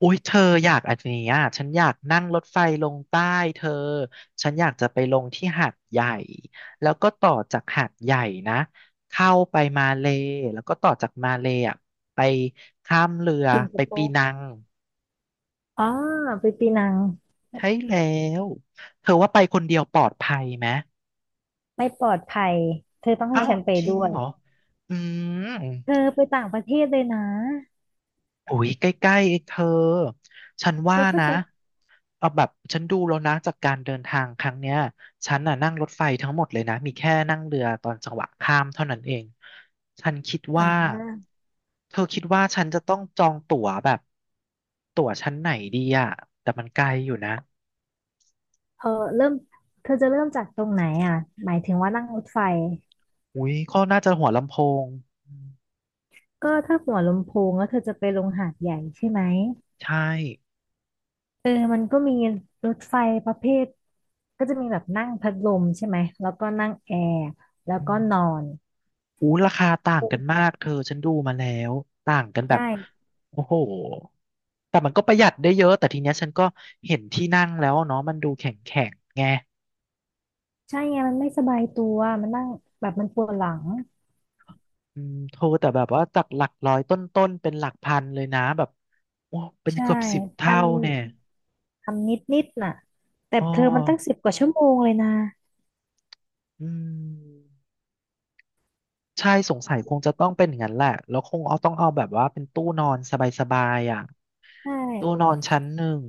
อุ้ยเธออยากอันนี้อ่ะฉันอยากนั่งรถไฟลงใต้เธอฉันอยากจะไปลงที่หาดใหญ่แล้วก็ต่อจากหาดใหญ่นะเข้าไปมาเลแล้วก็ต่อจากมาเลอ่ะไปข้ามเรือสิงคไปโปปีร์นังอ๋อไปปีนังใช่แล้วเธอว่าไปคนเดียวปลอดภัยไหมไม่ปลอดภัยเธอต้องอ้าให้วฉันไปจริงด้วยเหรออืม เธอไปต่างประเทศเลยนะโอ้ยใกล้ๆเองเธอ ฉันเธว่าอก็นะฉันเอาแบบฉันดูแล้วนะจากการเดินทางครั้งเนี้ยฉันน่ะนั่งรถไฟทั้งหมดเลยนะมีแค่นั่งเรือตอนจังหวะข้ามเท่านั้นเองฉันคิดอ่ว่าาเธอคิดว่าฉันจะต้องจองตั๋วแบบตั๋วชั้นไหนดีอะแต่มันไกลอยู่นะเออเริ่มเธอจะเริ่มจากตรงไหนอ่ะหมายถึงว่านั่งรถไฟอุ้ยก็น่าจะหัวลำโพงอืมก็ถ้าหัวลำโพงแล้วเธอจะไปลงหาดใหญ่ใช่ไหมใช่เออมันก็มีรถไฟประเภทก็จะมีแบบนั่งพัดลมใช่ไหม แล้วก็นั่งแอร์แล้วอืก็ม นอนอู้ราคาต่างกันมากเธอฉันดูมาแล้วต่างกันใแบบช่โอ้โหแต่มันก็ประหยัดได้เยอะแต่ทีเนี้ยฉันก็เห็นที่นั่งแล้วเนาะมันดูแข็งแข็งไงใช่ไงมันไม่สบายตัวมันนั่งแบบมันปวดหลังอืมโทรแต่แบบว่าจากหลักร้อยต้นๆเป็นหลักพันเลยนะแบบโอ้เป็นใช่เกือบสิบพัเท่าน เนี่ยทำนิดนิดน่ะแต่อ๋อเธอมันตั้งสิบกว่าชั่วโมงเลยนะอืมใช่สงสัยคงจะต้องเป็นอย่างนั้นแหละแล้วคงเอาต้องเอาแบบว่าเป็นตู้นอนสบายๆอ่ะใช่ตู้นอนชั้นหนึ่ง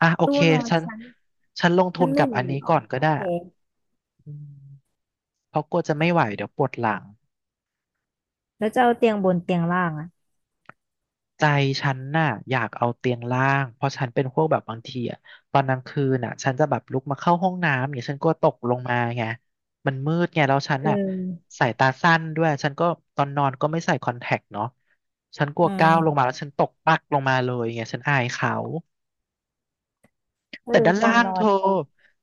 อ่ะโอตู้เคนอนฉันชั้นฉันลงทุชั้นนหกันึ่บงอันน่ะนี้เหรอก่อนก็โอได้ เคอืมเพราะกลัวจะไม่ไหวเดี๋ยวปวดหลังแล้วจะเอาเตียงบนเตียงล่างอ่ะใจฉันน่ะอยากเอาเตียงล่างเพราะฉันเป็นพวกแบบบางทีอ่ะตอนกลางคืนน่ะฉันจะแบบลุกมาเข้าห้องน้ำเนี่ยฉันกลัวตกลงมาไงมันมืดไงแล้วฉันเอน่ะอสายตาสั้นด้วยฉันก็ตอนนอนก็ไม่ใส่คอนแทคเนาะฉันกลัวอืก้าวลมงมาแล้วฉันตกปักลงมาเลยไงฉันอายเขาเอแต่อด้านตอล่านงนอเธนอ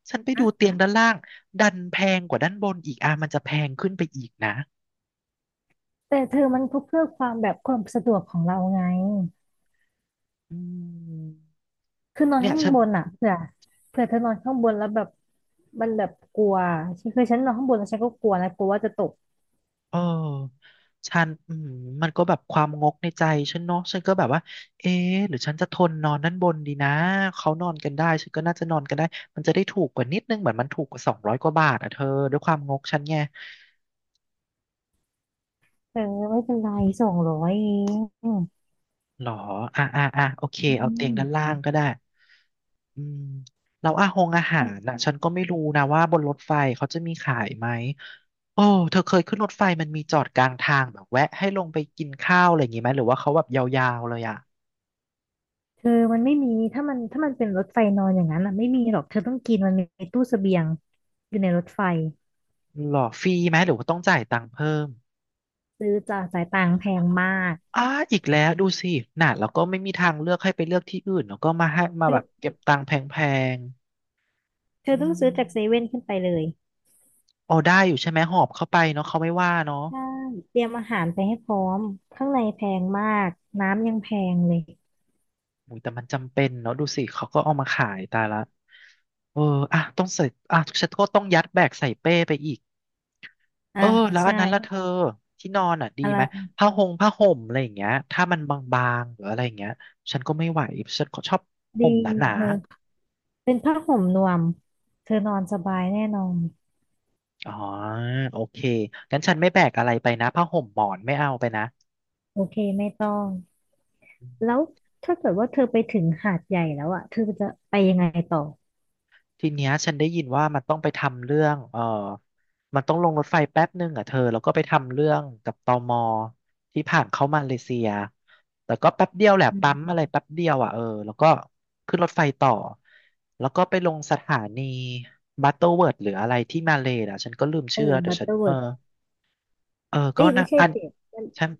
ฉันไปดูเตีนะยงด้านล่างดันแพงกว่าด้านบนอีกอ่ะมันจะแพงขึ้นไปอีกนะแต่เธอมันเพื่อความแบบความสะดวกของเราไงอืมคือนอนเนี่ยข้าฉังน บนอ่ะเผื่อเธอนอนข้างบนแล้วแบบมันแบบกลัวคือฉันนอนข้างบนแล้วฉันก็กลัวนะกลัวว่าจะตกเออฉันอืมมันก็แบบความงกในใจฉันเนาะฉันก็แบบว่าเอ๊ะหรือฉันจะทนนอนด้านบนดีนะเขานอนกันได้ ฉันก็น่าจะนอนกันได้มันจะได้ถูกกว่านิดนึงเหมือนมันถูกกว่า200 กว่าบาทอ่ะเธอด้วยความงกฉันไงเออไม่เป็นไร200เองอหรออ่ะอ่ะอ่ะโอเคืเอาเตียงด้านล่าม งก็ได้อืมแล้วอาหงอาหารน่ะฉันก็ไม่รู้นะว่าบนรถไฟเขาจะมีขายไหมโอ้เธอเคยขึ้นรถไฟมันมีจอดกลางทางแบบแวะให้ลงไปกินข้าวอะไรอย่างงี้ไหมหรือว่าเขาแบบยาวๆเลยอ่ะ เธอมันไม่มีถ้ามันเป็นรถไฟนอนอย่างนั้นอ่ะไม่มีหรอกเธอต้องกินมันมีตู้เสบียงอยู่ในรถไฟหรอฟรีไหมหรือว่าต้องจ่ายตังค์เพิ่มซื้อจากสายต่างแพงมากอ่าอีกแล้วดูสิน่ะแล้วก็ไม่มีทางเลือกให้ไปเลือกที่อื่นแล้วก็มาให้มาเธแบบอเก็บตังค์แพงเธๆอือต้องมซื้อจากเซเว่นขึ้นไปเลยอ๋อได้อยู่ใช่ไหมหอบเข้าไปเนาะเขาไม่ว่าเนาะใช่เตรียมอาหารไปให้พร้อมข้างในแพงมากน้ำยังแพงเลยอุยแต่มันจำเป็นเนาะดูสิเขาก็เอามาขายตายละเอออ่ะต้องใส่อ่ะฉันก็ต้องยัดแบกใส่เป้ไปอีกเออ่ะอแล้วอัใช่นนั้นละเธอที่นอนอ่ะดีอะไหมไรผ้าหงผ้าห่มอะไรอย่างเงี้ยถ้ามันบางๆหรืออะไรอย่างเงี้ยฉันก็ไม่ไหวฉันก็ชอบดีห่มหนา เธอเป็นผ้าห่มนวมเธอนอนสบายแน่นอนอ๋อโอเคงั้นฉันไม่แบกอะไรไปนะผ้าห่มหมอนไม่เอาไปนะโอเคไม่ต้องแล้วถ้าเกิดว่าเธอไปถึงหาดใหญ่แล้วอ่ะเธอจะไปยังไงต่อทีเนี้ยฉันได้ยินว่ามันต้องไปทำเรื่องมันต้องลงรถไฟแป๊บหนึงอ่ะเธอแล้วก็ไปทำเรื่องกับตมที่ผ่านเข้ามาเลเซียแต่ก็แป๊บเดียวแหละอืมปั๊มอะไรแป๊บเดียวอ่ะเออแล้วก็ขึ้นรถไฟต่อแล้วก็ไปลงสถานีบัตเตอร์เวิร์ดหรืออะไรที่มาเลย์อ่ะฉันก็ลืมเออชื่อแต่บัตฉัเตนอร์เอเวิอร์ เออก็เอ้ยนะไม่ใช่อันสิมันฉัน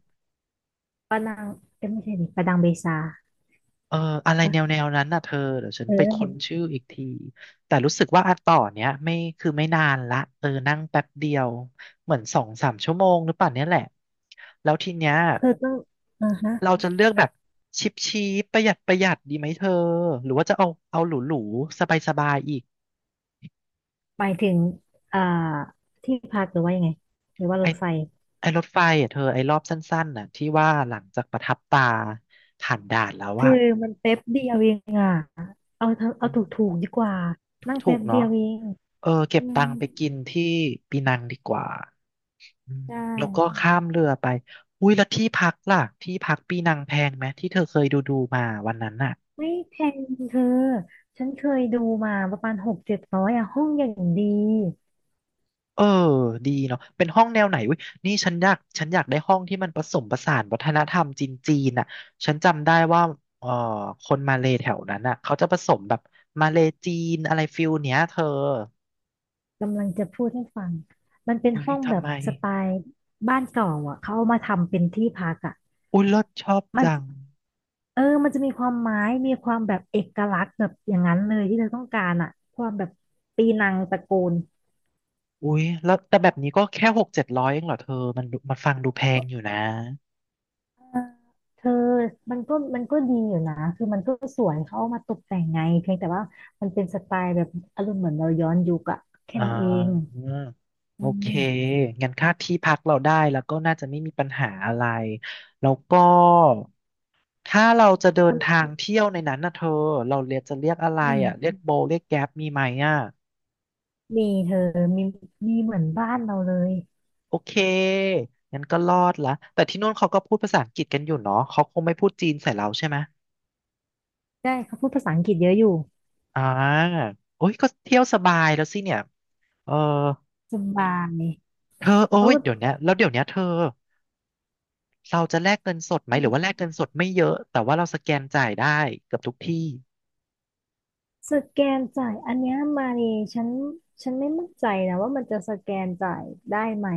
ปานังเอ้ยไม่ใช่ดิปานังเบซาเอออะไรปะแนวนั้นน่ะเธอเดี๋ยวฉันเออไปนั่นค้มันนชื่ออีกทีแต่รู้สึกว่าอันต่อเนี้ยไม่คือไม่นานละเออนั่งแป๊บเดียวเหมือน2-3 ชั่วโมงหรือเปล่าเนี้ยแหละแล้วทีเนี้ยเธอต้องอ่าเราฮะจะเลือกแบบชิปชีปประหยัดประหยัดดีไหมเธอหรือว่าจะเอาหรูหรูสบายสบายๆอีกหมายถึงอ่าที่พักหรือว่ายังไงหรือว่าไอรถไฟไอรถไฟอ่ะเธอไอรอบสั้นๆน่ะที่ว่าหลังจากประทับตาผ่านด่านแล้วเธออะมันแป๊บเดียวเองอ่ะเอาเธอเอาถูกถูกดีกว่าถูกนั่งถูแป๊กบๆเดีเนาะยวเองเออเก็บอืตัมงค์ไปกินที่ปีนังดีกว่า อืมไชแล้วก็่ข้ามเรือไปอุ้ยแล้วที่พักล่ะที่พักปีนังแพงไหมที่เธอเคยดูมาวันนั้นน่ะไม่แพงเธอฉันเคยดูมาประมาณ600-700อะห้องอย่างดีเออดีเนาะเป็นห้องแนวไหนอุ้ยนี่ฉันอยากได้ห้องที่มันผสมผสานวัฒนธรรมจีนจีนน่ะฉันจำได้ว่าเออคนมาเลแถวนั้นน่ะเขาจะผสมแบบมาเลจีนอะไรฟิลเนี้ยเธอกำลังจะพูดให้ฟังมันเป็นอุ้ยห้องแบทำบไม สไตล์บ้านเก่าอะเขาเอามาทำเป็นที่พักอะอุ้ยรลชอบมัน จังเออ มันจะมีความไม้มีความแบบเอกลักษณ์แบบอย่างนั้นเลยที่เธอต้องการอะความแบบปีนังตระกูลอุ้ยแล้วแต่แบบนี้ก็แค่600-700เองเหรอเธอมันดูมันฟังดูแพงอยู่นะ เออเธอมันก็ดีอยู่นะคือมันก็สวยเขาเอามาตกแต่งไงเพียงแต่ว่ามันเป็นสไตล์แบบอารมณ์เหมือนเราย้อนยุคอะแค่อ่นั้นเองาโออืเคมงั้นค่าที่พักเราได้แล้วก็น่าจะไม่มีปัญหาอะไรแล้วก็ถ้าเราจะเดิมันนทางเที่ยวในนั้นนะเธอเราเรียกจะเรียกอะไรอืมเรียกโบเรียกแก๊ปมีไหมอ่ะมีเธอมีมีเหมือนบ้านเราเลยโอเคงั้นก็รอดละแต่ที่นู่นเขาก็พูดภาษาอังกฤษกันอยู่เนาะเขาคงไม่พูดจีนใส่เราใช่ไหมได้เขาพูดภาษาอังกฤษเยอะอยู่อ่าโอ้ยก็เที่ยวสบายแล้วสิเนี่ยเออสบายเธอโอ้เอยเดี๋ยวเนี้ยแล้วเดี๋ยวเนี้ยเธอ เราจะแลกเงินสดไหมหรือว่าแลอ กเงินสดไม่เยอะแต่ว่าเราสแกนจ่ายได้เกือบทุกที่สแกนจ่ายอันเนี้ยมาเลยฉันไม่มั่นใจนะว่ามันจะสแกนจ่ายได้ไหม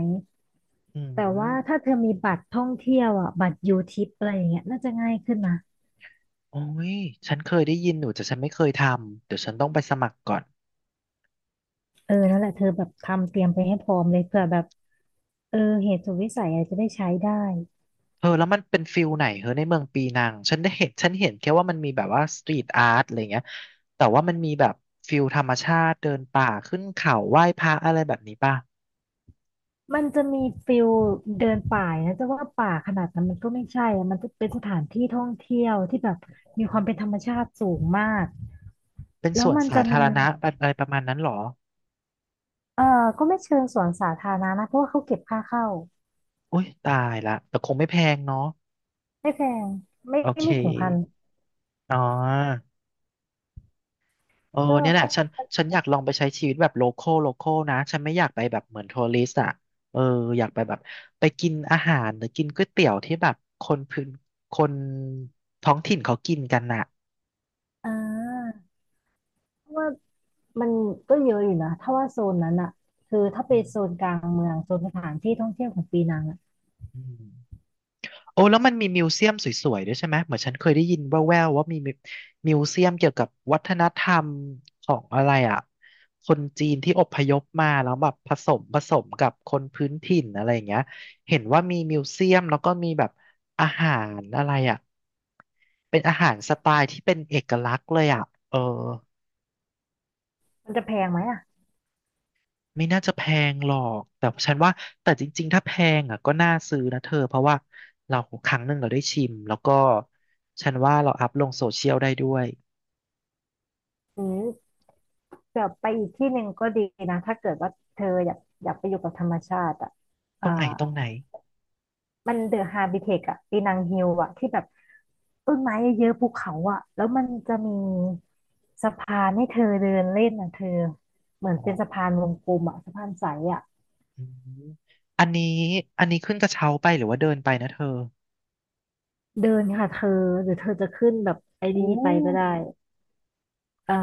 อืแต่ว่าถ้ามเธอมีบัตรท่องเที่ยวอ่ะบัตรยูทิปอะไรอย่างเงี้ยน่าจะง่ายขึ้นนะโอ้ยฉันเคยได้ยินอยู่แต่ฉันไม่เคยทำเดี๋ยวฉันต้องไปสมัครก่อนเออนั่นแหละเธอแบบทำเตรียมไปให้พร้อมเลยเผื่อแบบเออเหตุสุดวิสัยอะไรจะได้ใช้ได้เออแล้วมันเป็นฟิลไหนเออในเมืองปีนังฉันได้เห็นฉันเห็นแค่ว่ามันมีแบบว่าสตรีทอาร์ตอะไรเงี้ยแต่ว่ามันมีแบบฟิลธรรมชาติเดินป่าขึ้นเขาไหว้พระอะไรแบบนี้ป่ะมันจะมีฟิลเดินป่านะจะว่าป่าขนาดนั้นมันก็ไม่ใช่อะมันจะเป็นสถานที่ท่องเที่ยวที่แบบมีอ๋อความเป็นธรรมชาติสูงมากเป็นสแล้ววนมันสาจะธามี รณะอะไรประมาณนั้นเหรอเออก็ไม่เชิงสวนสาธารณะนะเพราะว่าเขาเก็บค่าเข้าอุ้ยตายละแต่คงไม่แพงเนาะไม่แพงไม่โอเคไม่ถึงพันอ๋อ เออก็เนี่ยแหละฉันอยากลองไปใช้ชีวิตแบบโลคอลโลคอลนะฉันไม่อยากไปแบบเหมือนทัวริสต์อ่ะเอออยากไปแบบไปกินอาหารหรือกินก๋วยเตี๋ยวที่แบบคนพื้นคนท้องถิ่นเขากินกันน่ะอ่าเพราะว่ามันก็เยอะอยู่นะถ้าว่าโซนนั้นอะคือถ้าไปโซนกลางเมืองโซนสถานที่ท่องเที่ยวของปีนังอะอืม โอ้แล้วมันมีมิวเซียมสวยๆด้วยใช่ไหมเหมือนฉันเคยได้ยินแว่วๆว่ามีมิวเซียมเกี่ยวกับวัฒนธรรมของอะไรอ่ะคนจีนที่อพยพมาแล้วแบบผสมกับคนพื้นถิ่นอะไรอย่างเงี้ยเห็นว่ามีมิวเซียมแล้วก็มีแบบอาหารอะไรอ่ะเป็นอาหารสไตล์ที่เป็นเอกลักษณ์เลยอ่ะเออ มันจะแพงไหมอะไม่น่าจะแพงหรอก แต่ฉันว่าแต่จริงๆถ้าแพงอ่ะก็น่าซื้อนะเธอเพราะว่าเราครั้งหนึ่งเราได้ชิมแล้วก็ฉันว่าเราอัพลงโซเชียลได้ด้วยหรือแบบไปอีกที่หนึ่งก็ดีนะถ้าเกิดว่าเธออยากไปอยู่กับธรรมชาติอะตรอ่า งไหนตรงไหนมันเดอะฮาบิเทคอะปีนังฮิลอะที่แบบต้นไม้เยอะๆภูเขาอะแล้วมันจะมีสะพานให้เธอเดินเล่นอะเธอ เหมือนอ๋อเป็นสะพานวงกลมอะสะพานใสอะอืมอันนี้อันนี้ขึ้นกระเช้าไปหรือว่าเดินไปนะเธอเดินค่ะเธอ หรือเธอจะขึ้นแบบไอ้นี่ไปก็ได้ อ่า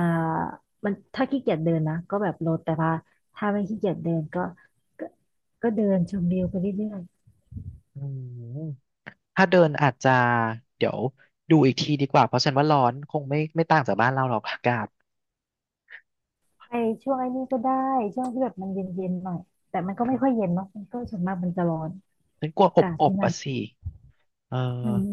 มันถ้าขี้เกียจเดินนะก็แบบลดแต่ว่าถ้าไม่ขี้เกียจเดินก็ก็ ก็เดินชมวิวไปเรื่อยอืมถ้าเดินอาจจะเดี๋ยวดูอีกทีดีกว่าเพราะฉันว่าร้อนคงไม่ต่างจากบ้านเราหรอกอากาศๆไปช่วงไอ้นี่ก็ได้ช่วงที่แบบมันเย็นๆหน่อยแต่มันก็อืไม่ค่อยมเย็นเนาะมันก็ส่วนมากมันจะร้อนฉันกลัวอาอบกาศอที่บนั่อ่ะนสิเออ อืม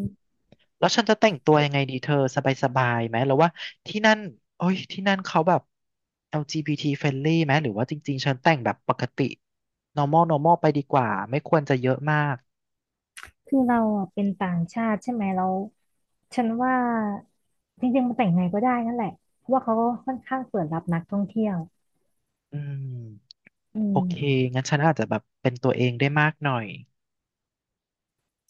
แล้วฉันจะแต่งตัวยังไงดีเธอสบายๆไหมแล้วว่าที่นั่นโอ้ยที่นั่นเขาแบบ LGBT friendly ไหมหรือว่าจริงๆฉันแต่งแบบปกติ normal normal ไปดีกว่าไม่ควรจะเยอะมากคือเราอะเป็นต่างชาติใช่ไหมเราฉันว่าจริงๆมันแต่งไงก็ได้นั่นแหละเพราะว่าเขาก็ค่อนข้างเปิดรับนักท่องเที่ยวอืมอืโอเคมงั้นฉันอาจจะแบบเป็นตัวเองได้มากหน่อย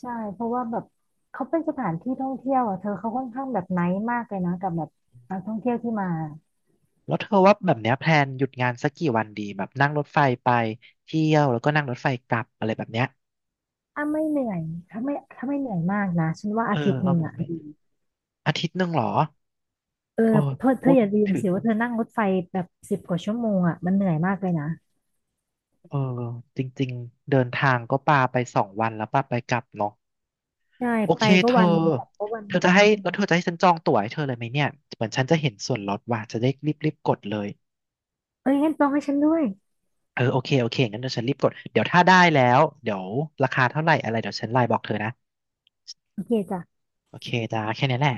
ใช่เพราะว่าแบบเขาเป็นสถานที่ท่องเที่ยวอ่ะเธอเขาค่อนข้างแบบไนท์มากเลยนะกับแบบนักท่องเที่ยวที่มาแล้วเธอว่าแบบเนี้ยแพลนหยุดงานสักกี่วันดีแบบนั่งรถไฟไปเที่ยวแล้วก็นั่งรถไฟกลับอะไรแบบเนี้ยอ่ะไม่เหนื่อยถ้าไม่เหนื่อยมากนะฉันว่าเออาอทิตย์หเอานึ่งแบบอ่ะเป็นอาทิตย์หนึ่งเหรอเออเออเธอเธพูอดอย่าลืมถึสิง ว่าเธอนั่งรถไฟแบบสิบกว่าชั่วโมงอ่ะมันเหนื่อยมากเลยนะเออจริงๆเดินทางก็ปาไปสองวันแล้วปาไปกลับเนาะใช่โอไปเคก็เธอวันหนึ่งกลับก็วันเธอหจะนึ่งให้แล้วเธอจะให้ฉันจองตั๋วให้เธอเลยไหมเนี่ยเหมือนฉันจะเห็นส่วนลดว่าจะได้รีบๆกดเลยเอ้ยงั้นต้องให้ฉันด้วยเออโอเคงั้นเดี๋ยวฉันรีบกดเดี๋ยวถ้าได้แล้วเดี๋ยวราคาเท่าไหร่อะไรเดี๋ยวฉันไลน์บอกเธอนะโอเคจ้ะโอเคจ้าแค่นี้แหละ